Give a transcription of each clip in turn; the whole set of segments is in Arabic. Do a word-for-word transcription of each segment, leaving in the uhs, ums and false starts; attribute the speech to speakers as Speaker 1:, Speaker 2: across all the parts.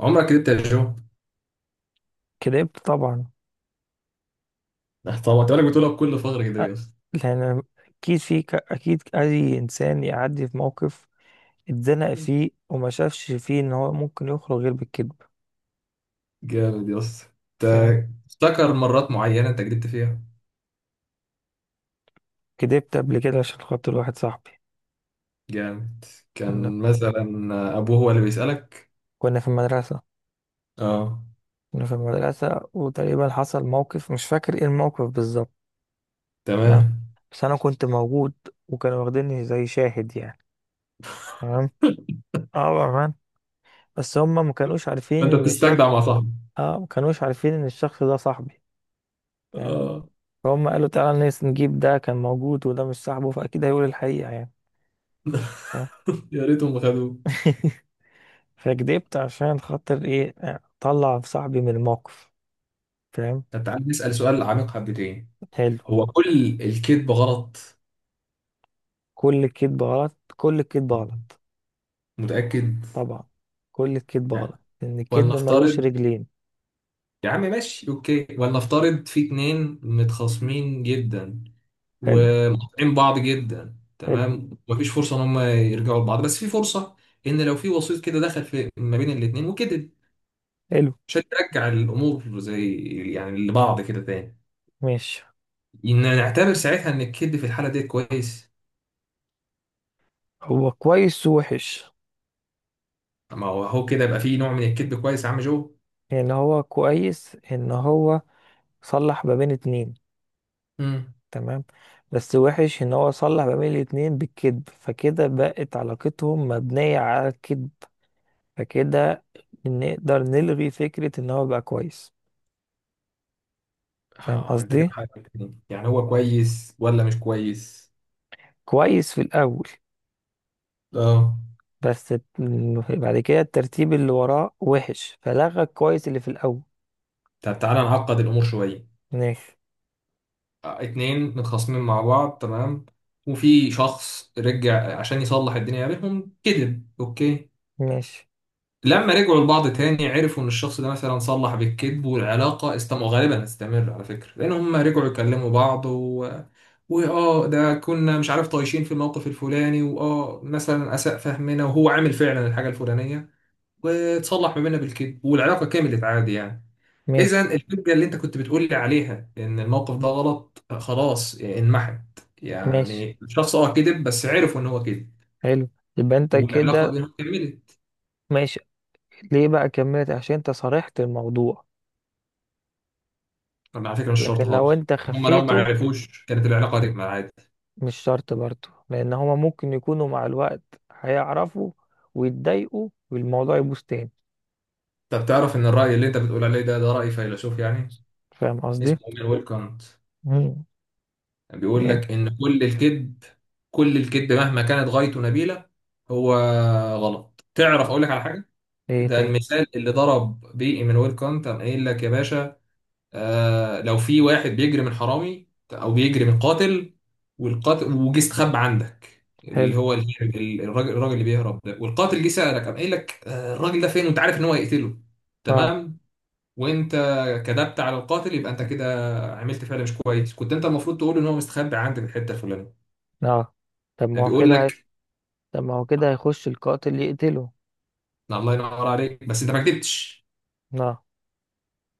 Speaker 1: عمرك كدبت يا جو.
Speaker 2: كدبت طبعا.
Speaker 1: آه، طبعا انت بالك بتقولها بكل فخر كده
Speaker 2: أ-
Speaker 1: يا اسطى.
Speaker 2: لأن أكيد في ك- أكيد أي إنسان يعدي في موقف اتزنق فيه وما شافش فيه إن هو ممكن يخرج غير بالكذب.
Speaker 1: جامد يا اسطى.
Speaker 2: فاهم؟
Speaker 1: انت افتكر مرات معينة انت كدبت فيها.
Speaker 2: كدبت قبل كده عشان خاطر واحد صاحبي.
Speaker 1: جامد.
Speaker 2: كنا
Speaker 1: كان مثلا ابوه هو اللي بيسألك.
Speaker 2: كنا في المدرسة.
Speaker 1: اه.
Speaker 2: كنا في المدرسة وتقريبا حصل موقف مش فاكر إيه الموقف بالظبط. تمام،
Speaker 1: تمام.
Speaker 2: بس أنا كنت موجود وكانوا واخديني زي شاهد يعني. تمام. اه، بأمان. بس هما ما كانوش عارفين
Speaker 1: فانت
Speaker 2: إن الشخص،
Speaker 1: بتستجدع مع صاحبك.
Speaker 2: اه ما كانوش عارفين إن الشخص ده صاحبي. فاهم.
Speaker 1: اه.
Speaker 2: فهم قالوا تعالى نس- نجيب ده كان موجود وده مش صاحبه فأكيد هيقول الحقيقة يعني. اه.
Speaker 1: يا ريتهم خدوه.
Speaker 2: فكدبت عشان خاطر إيه، أطلع صاحبي من الموقف. فاهم.
Speaker 1: طب تعالى نسأل سؤال عميق حبتين.
Speaker 2: حلو.
Speaker 1: هو كل الكذب غلط؟
Speaker 2: كل الكذب غلط، كل الكذب غلط.
Speaker 1: متأكد؟
Speaker 2: طبعا. كل الكذب
Speaker 1: لا.
Speaker 2: غلط لأن الكذب ملوش
Speaker 1: ولنفترض.
Speaker 2: رجلين.
Speaker 1: يا عم ماشي اوكي، ولنفترض في اتنين متخاصمين جدا
Speaker 2: حلو،
Speaker 1: ومقاطعين بعض جدا،
Speaker 2: حلو،
Speaker 1: تمام، ومفيش فرصه ان هم يرجعوا لبعض، بس في فرصه ان لو في وسيط كده دخل في ما بين الاثنين وكده
Speaker 2: حلو.
Speaker 1: عشان ترجع الامور زي يعني لبعض كده تاني،
Speaker 2: ماشي.
Speaker 1: ان نعتبر ساعتها ان الكذب في الحاله دي كويس.
Speaker 2: هو كويس ووحش.
Speaker 1: ما هو هو كده يبقى في نوع من الكذب كويس يا عم جو.
Speaker 2: يعني هو كويس إن هو صلح ما بين اتنين.
Speaker 1: امم.
Speaker 2: تمام. بس وحش ان هو صلح ما بين الاتنين بالكذب، فكده بقت علاقتهم مبنية على الكذب. فكده نقدر نلغي فكرة ان هو بقى كويس. فاهم
Speaker 1: اه انت كده
Speaker 2: قصدي؟
Speaker 1: حاجتين يعني، هو كويس ولا مش كويس؟
Speaker 2: كويس في الاول.
Speaker 1: اه.
Speaker 2: بس الت- بعد كده الترتيب اللي وراه وحش فلغى الكويس اللي في الاول.
Speaker 1: طب تعالى نعقد الامور شويه.
Speaker 2: ماشي.
Speaker 1: اتنين متخاصمين مع بعض، تمام، وفي شخص رجع عشان يصلح الدنيا بينهم كذب، اوكي.
Speaker 2: ماشي.
Speaker 1: لما رجعوا لبعض تاني عرفوا ان الشخص ده مثلا صلح بالكذب والعلاقة استمر غالبا هتستمر على فكرة لان هم رجعوا يكلموا بعض و... واه ده كنا مش عارف طايشين في الموقف الفلاني واه مثلا اساء فهمنا وهو عامل فعلا الحاجة الفلانية وتصلح ما بيننا بالكذب والعلاقة كملت عادي يعني. اذا
Speaker 2: ماشي.
Speaker 1: الحجه اللي انت كنت بتقول لي عليها ان الموقف ده غلط خلاص انمحت.
Speaker 2: ماشي.
Speaker 1: يعني الشخص اه كذب بس عرفوا ان هو كذب
Speaker 2: حلو. يبقى انت
Speaker 1: والعلاقه
Speaker 2: كده.
Speaker 1: بينهم كملت.
Speaker 2: ماشي. ليه بقى كملت؟ عشان انت صرحت الموضوع.
Speaker 1: طب على فكره مش
Speaker 2: لكن
Speaker 1: شرط
Speaker 2: لو
Speaker 1: خالص،
Speaker 2: انت
Speaker 1: هم لو ما
Speaker 2: خفيته،
Speaker 1: عرفوش كانت العلاقه هتكمل عادي.
Speaker 2: مش شرط برضه، لان هما ممكن يكونوا مع الوقت هيعرفوا ويتضايقوا والموضوع يبوظ تاني.
Speaker 1: طب تعرف ان الراي اللي انت بتقول عليه ده ده راي فيلسوف يعني.
Speaker 2: فاهم قصدي؟
Speaker 1: اسمه امير ويلكانت.
Speaker 2: مم.
Speaker 1: بيقول
Speaker 2: يعني.
Speaker 1: لك ان كل الكذب، كل الكذب مهما كانت غايته نبيله هو غلط. تعرف
Speaker 2: طب
Speaker 1: اقول لك على حاجه؟
Speaker 2: ايه
Speaker 1: ده
Speaker 2: تاني؟
Speaker 1: المثال اللي ضرب بيه ايمانويل كانت، قام قايل لك يا باشا آه لو في واحد بيجري من حرامي او بيجري من قاتل والقاتل وجه استخبى عندك
Speaker 2: حلو.
Speaker 1: اللي هو ال- ال- الراجل الراجل اللي بيهرب ده والقاتل جه سألك قام قايل لك آه الراجل ده فين وانت عارف ان هو هيقتله.
Speaker 2: اه.
Speaker 1: تمام. وانت كذبت على القاتل يبقى انت كده عملت فعل مش كويس، كنت انت المفروض تقول ان هو مستخبي عندك في الحته الفلانيه.
Speaker 2: اه، طب
Speaker 1: يعني
Speaker 2: ما هو
Speaker 1: بيقول
Speaker 2: كده هي-
Speaker 1: لك.
Speaker 2: طب ما هو كده هيخش القاتل يقتله.
Speaker 1: الله ينور عليك، بس انت ما كدبتش.
Speaker 2: اه.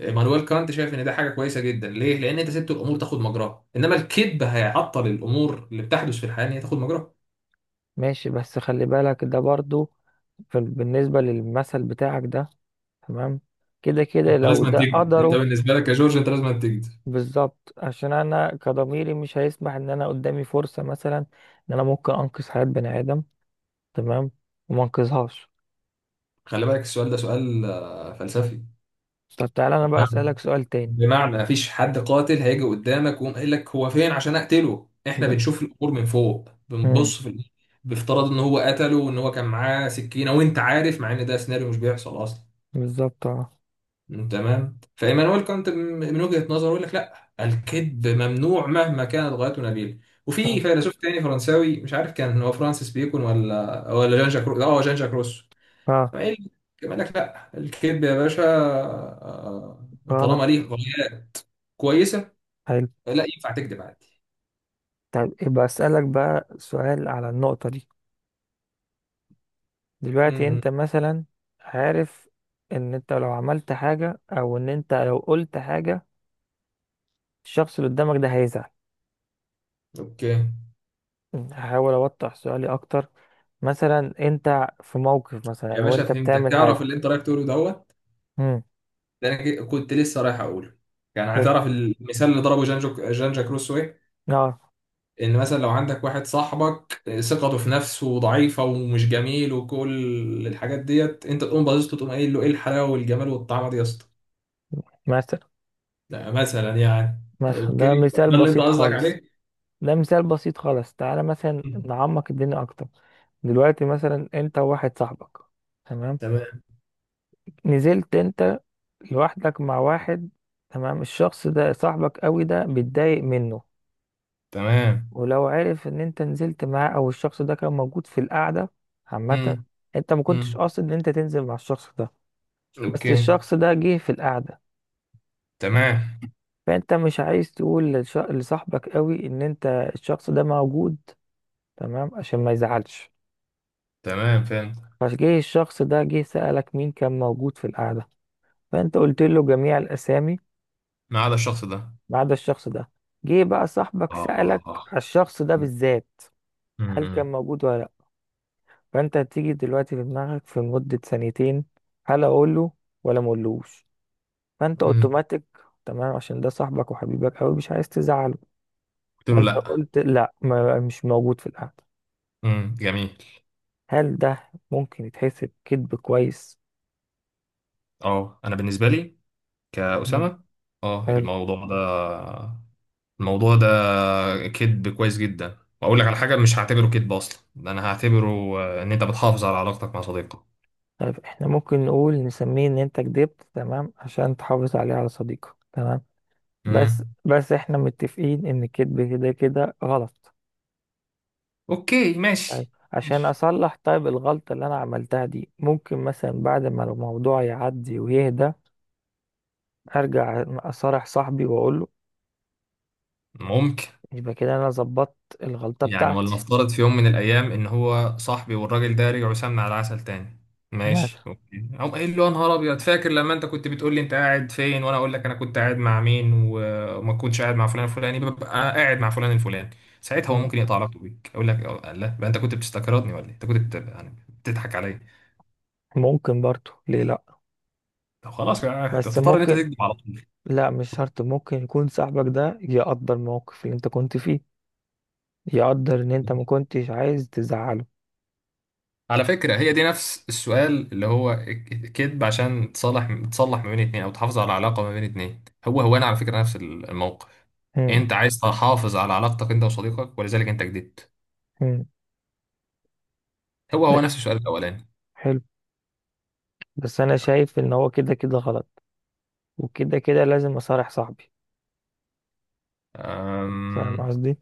Speaker 1: مانويل كانت شايف ان ده حاجه كويسه جدا، ليه؟ لان انت سبت الامور تاخد مجراها انما الكذب هيعطل الامور اللي بتحدث في الحياه ان هي تاخد مجراها.
Speaker 2: ماشي بس خلي بالك، ده برضه في، بالنسبة للمثل بتاعك ده. تمام. كده كده
Speaker 1: انت
Speaker 2: لو
Speaker 1: لازم
Speaker 2: ده
Speaker 1: تكذب، انت
Speaker 2: قدره.
Speaker 1: بالنسبه لك يا جورج انت لازم تكذب.
Speaker 2: بالظبط، عشان انا كضميري مش هيسمح ان انا قدامي فرصة مثلا ان انا ممكن انقذ حياة بني ادم. تمام. وما انقذهاش.
Speaker 1: خلي بالك السؤال ده سؤال آه، فلسفي.
Speaker 2: طب تعالى انا بقى
Speaker 1: بمعنى،
Speaker 2: اسالك سؤال تاني.
Speaker 1: بمعنى مفيش حد قاتل هيجي قدامك ويقوم قايل لك هو فين عشان اقتله، احنا
Speaker 2: ب...
Speaker 1: بنشوف الامور من فوق
Speaker 2: مم.
Speaker 1: بنبص في ال- بافتراض ان هو قتله وان هو كان معاه سكينه وانت عارف، مع ان ده سيناريو مش بيحصل اصلا.
Speaker 2: بالظبط. اه.
Speaker 1: تمام. فايمانويل كانت م- من وجهه نظره يقول لك لا، الكذب ممنوع مهما كانت غايته نبيله. وفي
Speaker 2: طب.
Speaker 1: فيلسوف تاني فرنساوي مش عارف كان هو فرانسيس بيكون ولا ولا جان جاك رو... اه جان جاك روسو،
Speaker 2: اه.
Speaker 1: ايه اللي قال لك؟ لا الكذب يا باشا آه،
Speaker 2: غلط.
Speaker 1: طالما ليه غاية كويسة
Speaker 2: حلو.
Speaker 1: لا ينفع تكذب عادي.
Speaker 2: طب يبقى اسالك بقى سؤال على النقطه دي. دلوقتي
Speaker 1: امم.
Speaker 2: انت مثلا عارف ان انت لو عملت حاجه او ان انت لو قلت حاجه الشخص اللي قدامك ده هيزعل.
Speaker 1: اوكي.
Speaker 2: هحاول اوضح سؤالي اكتر. مثلا انت في موقف
Speaker 1: يا
Speaker 2: مثلا او
Speaker 1: باشا
Speaker 2: انت
Speaker 1: فهمتك،
Speaker 2: بتعمل
Speaker 1: تعرف
Speaker 2: حاجه.
Speaker 1: اللي انت رايح تقوله دوت؟
Speaker 2: امم.
Speaker 1: ده انا ك- كنت لسه رايح اقوله. يعني
Speaker 2: حلو.
Speaker 1: هتعرف المثال اللي ضربه جانجو جانجا كروسو ايه؟
Speaker 2: اه.
Speaker 1: ان مثلا لو عندك واحد صاحبك ثقته في نفسه ضعيفه ومش جميل وكل الحاجات ديت انت تقوم باصص له تقوم قايل له ايه الحلاوه والجمال والطعمه دي يا اسطى،
Speaker 2: مثلا.
Speaker 1: ده مثلا يعني.
Speaker 2: مثلا ده
Speaker 1: اوكي.
Speaker 2: مثال
Speaker 1: ده اللي انت
Speaker 2: بسيط
Speaker 1: قصدك
Speaker 2: خالص.
Speaker 1: عليه.
Speaker 2: ده مثال بسيط خالص، تعالى مثلا نعمق الدنيا اكتر. دلوقتي مثلا انت وواحد صاحبك. تمام.
Speaker 1: تمام.
Speaker 2: نزلت انت لوحدك مع واحد. تمام. الشخص ده صاحبك قوي ده بيتضايق منه.
Speaker 1: تمام.
Speaker 2: ولو عرف ان انت نزلت معاه او الشخص ده كان موجود في القعدة عامة.
Speaker 1: امم.
Speaker 2: انت ما كنتش
Speaker 1: امم.
Speaker 2: قاصد ان انت تنزل مع الشخص ده. بس
Speaker 1: اوكي.
Speaker 2: الشخص ده جه في القعدة. تمام.
Speaker 1: تمام.
Speaker 2: فانت مش عايز تقول للش- لصاحبك قوي ان انت الشخص ده موجود. تمام، عشان ما يزعلش.
Speaker 1: تمام فهمت.
Speaker 2: فجه الشخص ده، جه سألك مين كان موجود في القعدة. فأنت قلت له جميع الأسامي
Speaker 1: ما عدا الشخص ده.
Speaker 2: ما عدا الشخص ده. جه بقى صاحبك سألك
Speaker 1: اه.
Speaker 2: على الشخص ده بالذات، هل كان
Speaker 1: امم.
Speaker 2: موجود ولا لأ. فأنت هتيجي دلوقتي في دماغك في مدة ثانيتين، هل أقوله ولا مقولوش. فأنت
Speaker 1: امم.
Speaker 2: أوتوماتيك، تمام عشان ده صاحبك وحبيبك أوي مش عايز تزعله.
Speaker 1: قلت له
Speaker 2: فأنت
Speaker 1: لا.
Speaker 2: قلت لأ، ما مش موجود في القعدة.
Speaker 1: امم جميل.
Speaker 2: هل ده ممكن يتحسب كذب كويس؟
Speaker 1: اه انا بالنسبه لي
Speaker 2: مم.
Speaker 1: كأسامه، اه
Speaker 2: حلو.
Speaker 1: الموضوع ده، الموضوع ده كذب كويس جدا، واقول لك على حاجه مش هعتبره كذب اصلا، ده انا هعتبره آه، ان انت بتحافظ على علاقتك مع صديقك.
Speaker 2: طيب احنا ممكن نقول نسميه ان انت كدبت تمام عشان تحافظ عليه على صديقك. تمام. بس
Speaker 1: امم.
Speaker 2: بس احنا متفقين ان الكذب كده كده غلط.
Speaker 1: اوكي
Speaker 2: طيب
Speaker 1: ماشي.
Speaker 2: عشان
Speaker 1: ماشي.
Speaker 2: اصلح طيب الغلطة اللي انا عملتها دي ممكن مثلا بعد ما الموضوع يعدي ويهدى، ارجع اصارح صاحبي واقول له.
Speaker 1: ممكن.
Speaker 2: يبقى كده انا ظبطت الغلطة
Speaker 1: يعني
Speaker 2: بتاعتي.
Speaker 1: ولنفترض في يوم من الأيام إن هو صاحبي والراجل ده رجعوا سمنة على عسل تاني،
Speaker 2: مثلا.
Speaker 1: ماشي أوكي، أقوم قايل له يا نهار أبيض فاكر لما أنت كنت بتقول لي أنت قاعد فين وأنا أقول لك أنا كنت قاعد مع مين و- وما كنتش قاعد مع فلان الفلاني ببقى قاعد مع فلان الفلاني، ساعتها هو
Speaker 2: مم.
Speaker 1: ممكن يقطع علاقته بيك أقول لك أه، لا يبقى أنت كنت بتستكردني ولا إيه؟ أنت كنت بت- يعني بتضحك عليا.
Speaker 2: ممكن برضو، ليه لا.
Speaker 1: طب خلاص بقى،
Speaker 2: بس
Speaker 1: هتضطر إن أنت
Speaker 2: ممكن،
Speaker 1: تكذب على طول.
Speaker 2: لا مش شرط، ممكن يكون صاحبك ده يقدر الموقف اللي انت كنت فيه، يقدر ان انت ما كنتش عايز تزعله.
Speaker 1: على فكرة هي دي نفس السؤال اللي هو كذب عشان تصلح تصلح ما بين اتنين او تحافظ على علاقة ما بين اتنين، هو هو انا على فكرة نفس الموقف.
Speaker 2: مم.
Speaker 1: انت عايز تحافظ على علاقتك انت وصديقك ولذلك انت كدبت.
Speaker 2: مم.
Speaker 1: هو
Speaker 2: ب-
Speaker 1: هو نفس السؤال الاولاني.
Speaker 2: حلو. بس انا شايف ان هو كده كده غلط. وكده كده لازم اصارح صاحبي. فاهم
Speaker 1: أم...
Speaker 2: قصدي.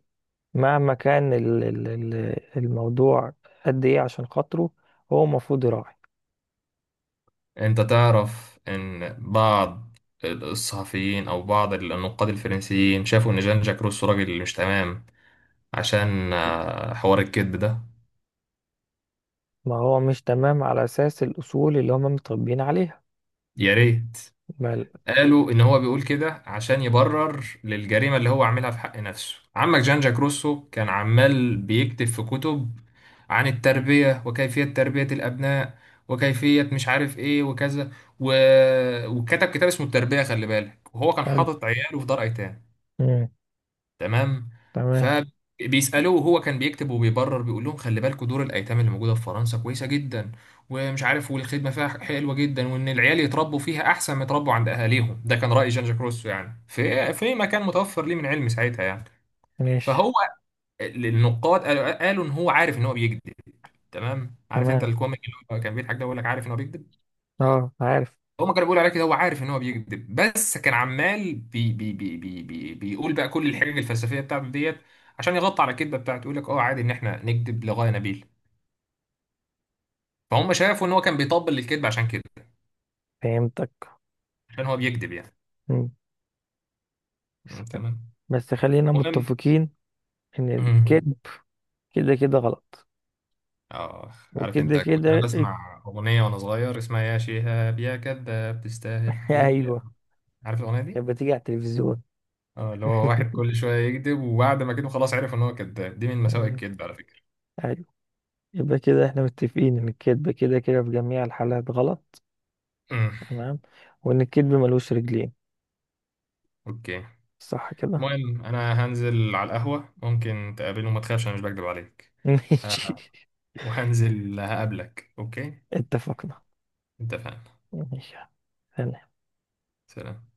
Speaker 2: مهما كان ال- ال- ال- الموضوع قد ايه عشان خاطره، هو المفروض يراعي.
Speaker 1: انت تعرف ان بعض الصحفيين او بعض النقاد الفرنسيين شافوا ان جان جاك روسو راجل مش تمام عشان آه، حوار الكذب ده.
Speaker 2: ما هو مش تمام على اساس الاصول اللي هما متربيين عليها.
Speaker 1: يا ريت.
Speaker 2: بل.
Speaker 1: قالوا ان هو بيقول كده عشان يبرر للجريمه اللي هو عاملها في حق نفسه، عمك جان جاك روسو كان عمال بيكتب في كتب عن التربيه وكيفيه تربيه الابناء وكيفيه مش عارف ايه وكذا و... وكتب كتاب اسمه التربيه خلي بالك، وهو كان
Speaker 2: حلو.
Speaker 1: حاطط عياله في دار ايتام.
Speaker 2: مم.
Speaker 1: تمام. مم.
Speaker 2: تمام.
Speaker 1: فبيسألوه وهو كان بيكتب وبيبرر بيقول لهم خلي بالكوا دور الأيتام اللي موجودة في فرنسا كويسة جدا ومش عارف والخدمة فيها حلوة جدا وإن العيال يتربوا فيها أحسن ما يتربوا عند أهاليهم، ده كان رأي جان جاك روسو يعني في آه، في مكان متوفر ليه من علم ساعتها يعني.
Speaker 2: ماشي.
Speaker 1: فهو النقاد قالوا, قالوا إن هو عارف إن هو بيكذب. تمام. عارف أنت
Speaker 2: تمام.
Speaker 1: الكوميك اللي هو كان بيضحك ده بيقول لك عارف إن هو بيكذب.
Speaker 2: اه عارف.
Speaker 1: هما كانوا بيقولوا عليه كده، هو عارف ان هو بيكذب بس كان عمال بي بي بي بي بي بيقول بقى كل الحجج الفلسفيه بتاعته ديت عشان يغطي على الكذبه بتاعته، يقول لك اه عادي ان احنا نكذب لغايه نبيل. فهم شافوا ان هو كان بيطبل للكذب عشان كده،
Speaker 2: فهمتك.
Speaker 1: عشان هو بيكذب يعني.
Speaker 2: مم.
Speaker 1: مم، تمام.
Speaker 2: بس خلينا
Speaker 1: مهم.
Speaker 2: متفقين ان
Speaker 1: مم.
Speaker 2: الكذب كده كده غلط.
Speaker 1: اه عارف
Speaker 2: وكده
Speaker 1: انت كنت انا
Speaker 2: كده.
Speaker 1: بسمع اغنيه وانا صغير اسمها يا شهاب يا كذاب تستاهل اكلت يا.
Speaker 2: ايوه.
Speaker 1: عارف الاغنيه دي؟
Speaker 2: كانت بتيجي على التلفزيون.
Speaker 1: اه اللي هو واحد كل شويه يكذب وبعد ما كده خلاص عرف ان هو كذاب، دي من مساوئ
Speaker 2: ايوه.
Speaker 1: الكذب على فكره.
Speaker 2: ايوه. يبقى كده احنا متفقين ان الكذب كده كده في جميع الحالات غلط.
Speaker 1: مم.
Speaker 2: تمام. وان الكذب ملوش رجلين.
Speaker 1: اوكي.
Speaker 2: صح كده؟
Speaker 1: المهم انا هنزل على القهوة ممكن تقابلني، وما تخافش انا مش بكدب عليك،
Speaker 2: ماشي.
Speaker 1: وهنزل هقابلك اوكي؟
Speaker 2: اتفقنا.
Speaker 1: اتفقنا.
Speaker 2: ماشي.
Speaker 1: سلام.